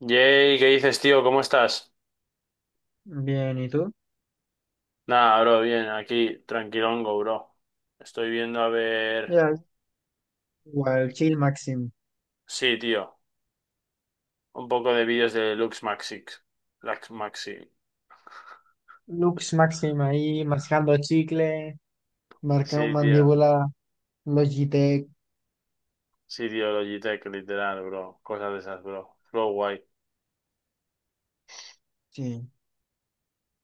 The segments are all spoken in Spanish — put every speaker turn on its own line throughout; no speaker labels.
Yay, ¿qué dices, tío? ¿Cómo estás?
Bien, ¿y tú?
Nada, bro, bien, aquí, tranquilongo, bro. Estoy viendo a ver.
Ya, igual, chill máximo.
Sí, tío. Un poco de vídeos de Lux Maxix. Lux Maxi.
Lux máximo ahí, mascando chicle, marcando
Sí, tío.
mandíbula, Logitech.
Sí, tío, Logitech, literal, bro. Cosas de esas, bro. Flow guay.
Sí.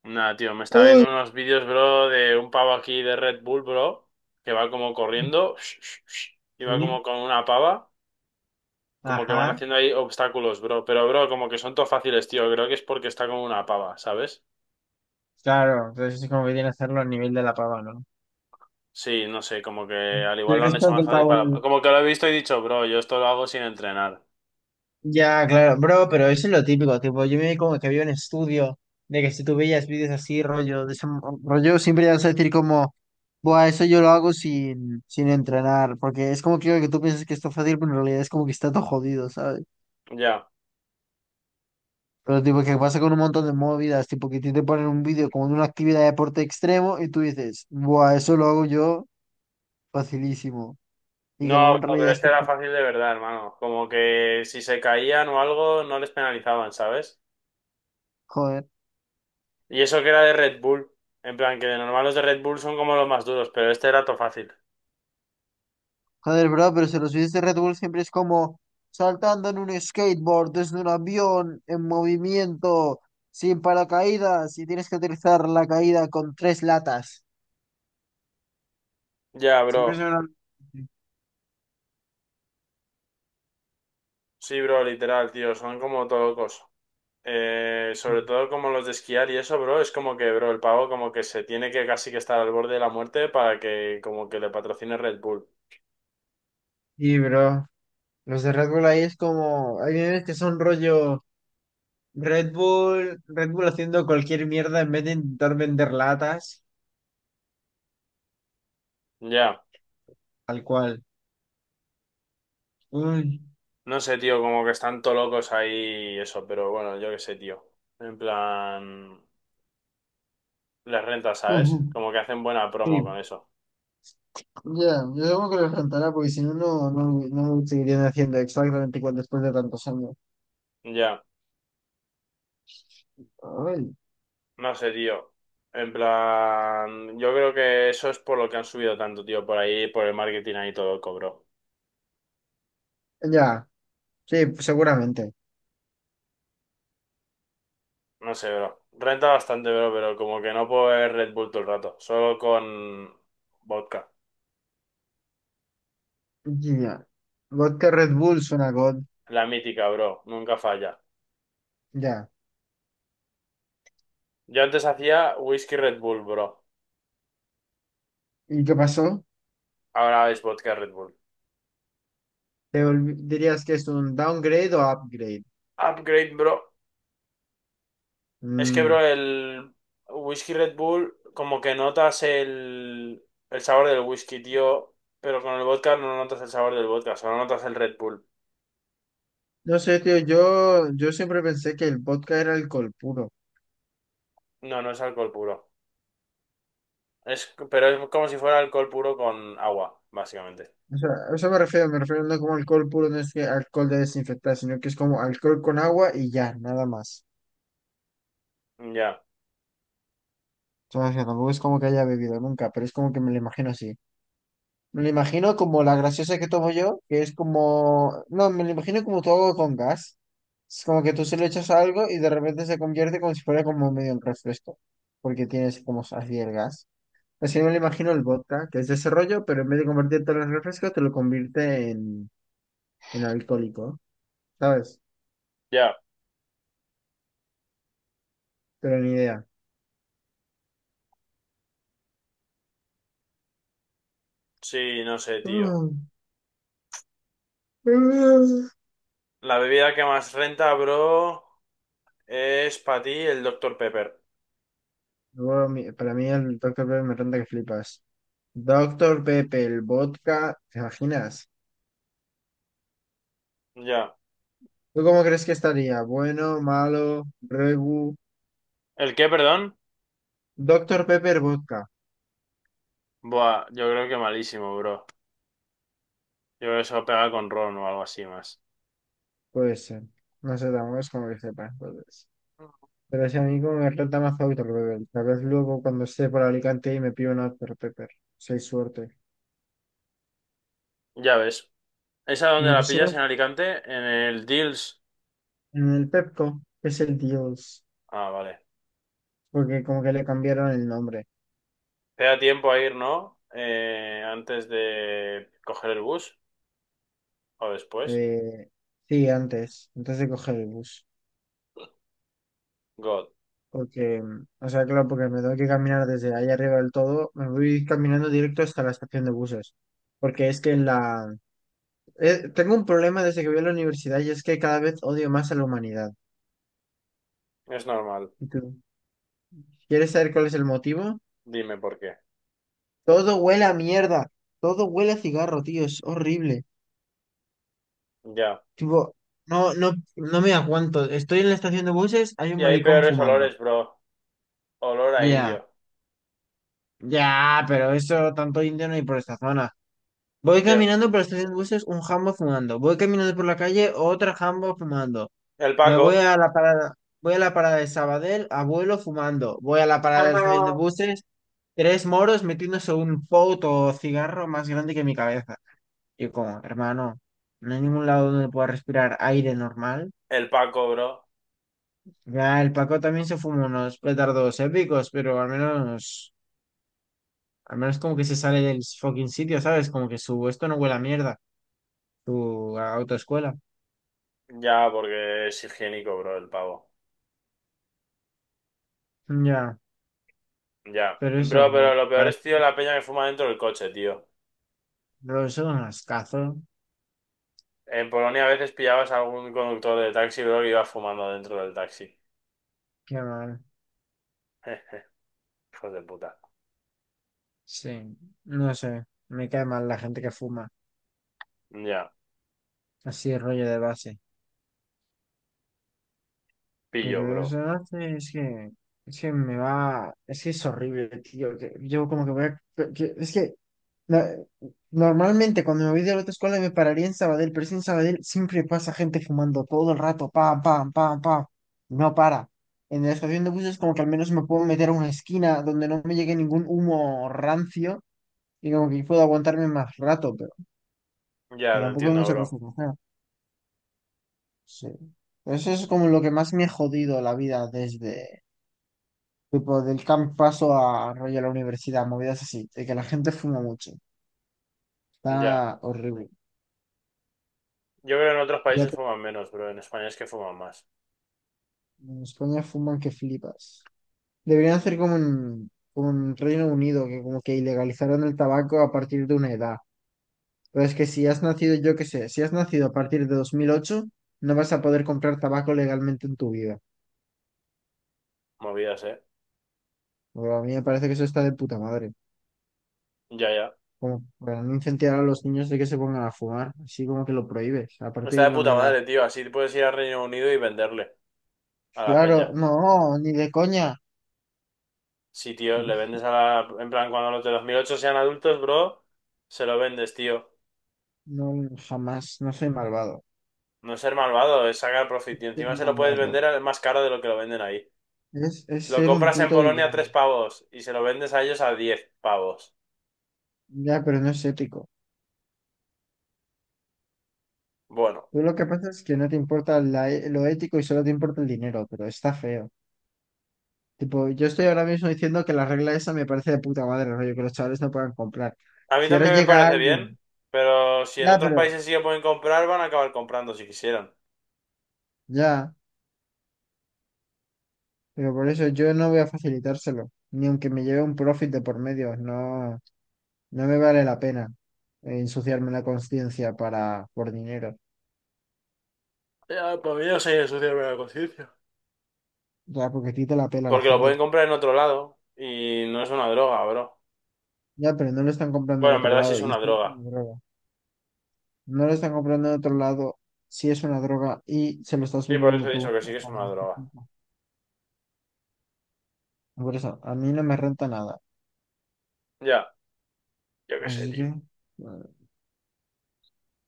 Nada, tío, me está viendo
¡Uy!
unos vídeos, bro, de un pavo aquí de Red Bull, bro, que va como corriendo. Y va
Sí,
como con una pava. Como que van
ajá.
haciendo ahí obstáculos, bro. Pero, bro, como que son todo fáciles, tío. Creo que es porque está con una pava, ¿sabes?
Claro, entonces es como que tiene que hacerlo a nivel de la pava, ¿no?
Sí, no sé, como que al
¿Tú
igual lo
crees
han hecho
que
más
el
fácil
pavo?
para... Como que lo he visto y he dicho, bro, yo esto lo hago sin entrenar.
Ya, claro, bro, pero eso es lo típico, tipo, yo me vi como que había un estudio de que si tú veías vídeos así, rollo, de ese rollo, siempre ibas a decir como, buah, eso yo lo hago sin entrenar, porque es como que tú piensas que está fácil, pero en realidad es como que está todo jodido, ¿sabes?
Ya.
Pero tipo, que pasa con un montón de movidas, tipo, que a ti te ponen un vídeo como de una actividad de deporte extremo y tú dices, buah, eso lo hago yo facilísimo, y
No,
que luego en
bro, pero
realidad
este
está
era fácil de verdad, hermano. Como que si se caían o algo, no les penalizaban, ¿sabes?
jodido.
Y eso que era de Red Bull. En plan, que de normal los de Red Bull son como los más duros, pero este era todo fácil.
Joder, bro, pero si los vídeos de Red Bull siempre es como saltando en un skateboard, desde un avión, en movimiento, sin paracaídas, y tienes que utilizar la caída con tres latas.
Ya,
Siempre
bro.
son una...
Sí, bro, literal, tío. Son como todo locos. Sobre todo como los de esquiar y eso, bro. Es como que, bro, el pavo como que se tiene que casi que estar al borde de la muerte para que como que le patrocine Red Bull.
Y, bro, los de Red Bull ahí es como... Hay veces que son rollo Red Bull, Red Bull haciendo cualquier mierda en vez de intentar vender latas,
Ya.
tal cual. Uy.
No sé, tío, como que están todo locos ahí y eso, pero bueno, yo qué sé, tío. En plan, les renta, ¿sabes?
Ujú.
Como que hacen buena promo con
Sí.
eso.
Ya, yo supongo que les rentará, porque si no seguirían haciendo exactamente igual después de tantos años.
Ya,
Ay.
no sé, tío. En plan, yo creo que eso es por lo que han subido tanto, tío, por ahí, por el marketing ahí todo loco, bro.
Ya, sí, seguramente.
No sé, bro. Renta bastante, bro, pero como que no puedo ver Red Bull todo el rato, solo con vodka.
Ya. Vodka Red Bull suena God.
La mítica, bro, nunca falla.
Ya.
Yo antes hacía whisky Red Bull, bro.
¿Y qué pasó?
Ahora es vodka Red Bull.
¿Te dirías que es un downgrade o upgrade?
Upgrade, bro. Es que, bro,
Mm,
el whisky Red Bull, como que notas el sabor del whisky, tío, pero con el vodka no notas el sabor del vodka, solo notas el Red Bull.
No sé, tío, yo siempre pensé que el vodka era alcohol puro.
No, no es alcohol puro. Es, pero es como si fuera alcohol puro con agua, básicamente.
O sea, a eso me refiero, me refiero, no como alcohol puro, no es que alcohol de desinfectar, sino que es como alcohol con agua y ya, nada más.
Ya,
O sea, tampoco es como que haya bebido nunca, pero es como que me lo imagino así. Me lo imagino como la graciosa que tomo yo, que es como... No, me lo imagino como todo con gas. Es como que tú se lo echas a algo y de repente se convierte como si fuera como medio un refresco, porque tienes como así el gas. Así me lo imagino el vodka, que es de ese rollo, pero en vez de convertirte en refresco, te lo convierte en alcohólico, ¿sabes?
ya.
Pero ni idea.
Sí, no sé, tío.
Mm.
La bebida que más renta, bro, es para ti el Doctor Pepper.
Luego, para mí el Doctor Pepe me renta que flipas. Doctor Pepe el vodka, ¿te imaginas?
Ya.
¿Tú cómo crees que estaría? ¿Bueno, malo, regu?
¿El qué, perdón?
Doctor Pepe el vodka.
Buah, yo creo que malísimo, bro. Yo creo que eso pega con ron o algo así más.
Puede ser. No sé, tampoco es como que sepa, entonces. Pero si a mí como me renta más Doctor Pepper. Tal vez luego cuando esté por Alicante y me pido una Dr. Pepper. Soy suerte.
Ya ves. ¿Esa dónde
Lo que
la
sea,
pillas? ¿En Alicante? ¿En el Deals?
en el Pepco es el Dios.
Ah, vale.
Porque como que le cambiaron el nombre.
¿Te da tiempo a ir, no? Antes de coger el bus o después.
Eh, sí, antes. Antes de coger el bus.
God,
Porque, o sea, claro, porque me tengo que caminar desde ahí arriba del todo, me voy caminando directo hasta la estación de buses. Porque es que la... tengo un problema desde que voy a la universidad y es que cada vez odio más a la humanidad.
es normal.
¿Y tú? ¿Quieres saber cuál es el motivo?
Dime por qué.
Todo huele a mierda. Todo huele a cigarro, tío. Es horrible.
Ya.
Tipo, no, no, no me aguanto. Estoy en la estación de buses, hay un
Y hay
maricón
peores
fumando.
olores, bro. Olor a
Ya,
indio.
ya, pero eso tanto indio no hay por esta zona. Voy
Llega-
caminando por la estación de buses, un jambo fumando. Voy caminando por la calle, otro jambo fumando.
El
Me voy
Paco.
a la parada, voy a la parada de Sabadell, abuelo fumando. Voy a la parada de la estación de buses, tres moros metiéndose un foto cigarro más grande que mi cabeza. Y como, hermano, no hay ningún lado donde pueda respirar aire normal.
El Paco, bro.
Ya el Paco también se fuma unos petardos épicos, pero al menos como que se sale del fucking sitio, ¿sabes? Como que su esto no huele a mierda, su autoescuela.
Ya, porque es higiénico, bro, el pavo.
Ya.
Ya.
Pero eso,
Bro,
me
pero lo peor
parece
es, tío, la peña que fuma dentro del coche, tío.
los son un ascazo.
En Polonia a veces pillabas a algún conductor de taxi, bro, que iba fumando dentro del taxi.
Qué mal.
Hijos de puta.
Sí, no sé. Me cae mal la gente que fuma.
Ya,
Así el rollo de base.
pillo,
Pero
bro.
eso hace es que. Es que me va. Es que es horrible, tío, que yo como que voy a. Es que. na- Normalmente cuando me voy de la otra escuela me pararía en Sabadell, pero es que en Sabadell siempre pasa gente fumando todo el rato. Pam, pam, pam, pam. No para. En la estación de buses como que al menos me puedo meter a una esquina donde no me llegue ningún humo rancio. Y como que puedo aguantarme más rato, pero
Ya,
que
lo
tampoco hay
entiendo,
mucha cosa
bro.
que hacer. Sí. Eso es como lo que más me ha jodido la vida desde, tipo, del camp paso a rollo a la universidad, movidas así, de que la gente fuma mucho.
Ya.
Está horrible.
Yo creo que en otros
Y
países
otro,
fuman menos, bro. En España es que fuman más.
en España fuman que flipas. Deberían hacer como en Reino Unido, que como que ilegalizaron el tabaco a partir de una edad. Pero es que si has nacido, yo qué sé, si has nacido a partir de 2008 no vas a poder comprar tabaco legalmente en tu vida.
Movidas, eh.
Pero a mí me parece que eso está de puta madre.
Ya, ya.
Como para no incentivar a los niños de que se pongan a fumar, así como que lo prohíbes, a partir
Está
de
de
una
puta
edad.
madre, tío. Así puedes ir al Reino Unido y venderle a la
Claro,
peña.
no, ni de coña.
Sí, tío, le vendes a la... En plan, cuando los de 2008 sean adultos, bro, se lo vendes, tío.
No, jamás, no soy malvado.
No es ser malvado, es sacar profit. Y
Es
encima se lo puedes
malvado.
vender al más caro de lo que lo venden ahí.
Es
Lo
ser un
compras en
puto
Polonia a tres
villano.
pavos y se lo vendes a ellos a 10 pavos.
Ya, pero no es ético.
Bueno.
Tú lo que pasa es que no te importa lo ético y solo te importa el dinero, pero está feo. Tipo, yo estoy ahora mismo diciendo que la regla esa me parece de puta madre, rollo, que los chavales no puedan comprar.
A mí
Si ahora
también me
llega
parece bien,
alguien,
pero si en
ya,
otros
pero,
países sí que pueden comprar, van a acabar comprando si quisieran.
ya. Pero por eso yo no voy a facilitárselo, ni aunque me lleve un profit de por medio, no, no me vale la pena ensuciarme la conciencia para por dinero.
Ya, para mí no sería ensuciarme la conciencia.
O sea, porque a ti te la pela la
Porque lo
gente.
pueden comprar en otro lado y no es una droga, bro.
Ya, pero no lo están comprando en
Bueno, en
otro
verdad sí es
lado y
una
sí es
droga.
una droga. No lo están comprando en otro lado si es una droga y se lo estás
Sí, por eso
vendiendo
he dicho
tú.
que sí que
Hasta
es una
cierto
droga.
punto. Por eso, a mí no me renta nada.
Ya, yo qué sé,
Así
tío.
que, bueno.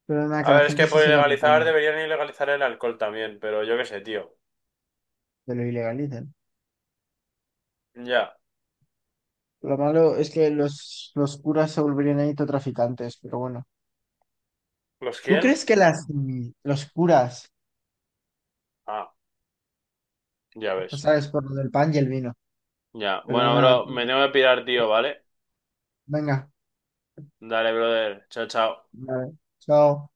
Pero nada,
A
que la
ver, es que
gente se
por
siga
ilegalizar
matando,
deberían ilegalizar el alcohol también, pero yo qué sé, tío.
que lo ilegalicen.
Ya.
Lo malo es que los curas se volverían traficantes, pero bueno.
¿Los
¿Tú
quién?
crees que los curas,
Ah, ya
pues
ves.
sabes, por lo del pan y el vino?
Ya.
Pero
Bueno,
nada,
bro, me
tío.
tengo que pirar, tío, ¿vale?
Venga,
Dale, brother. Chao, chao.
vale. Chao.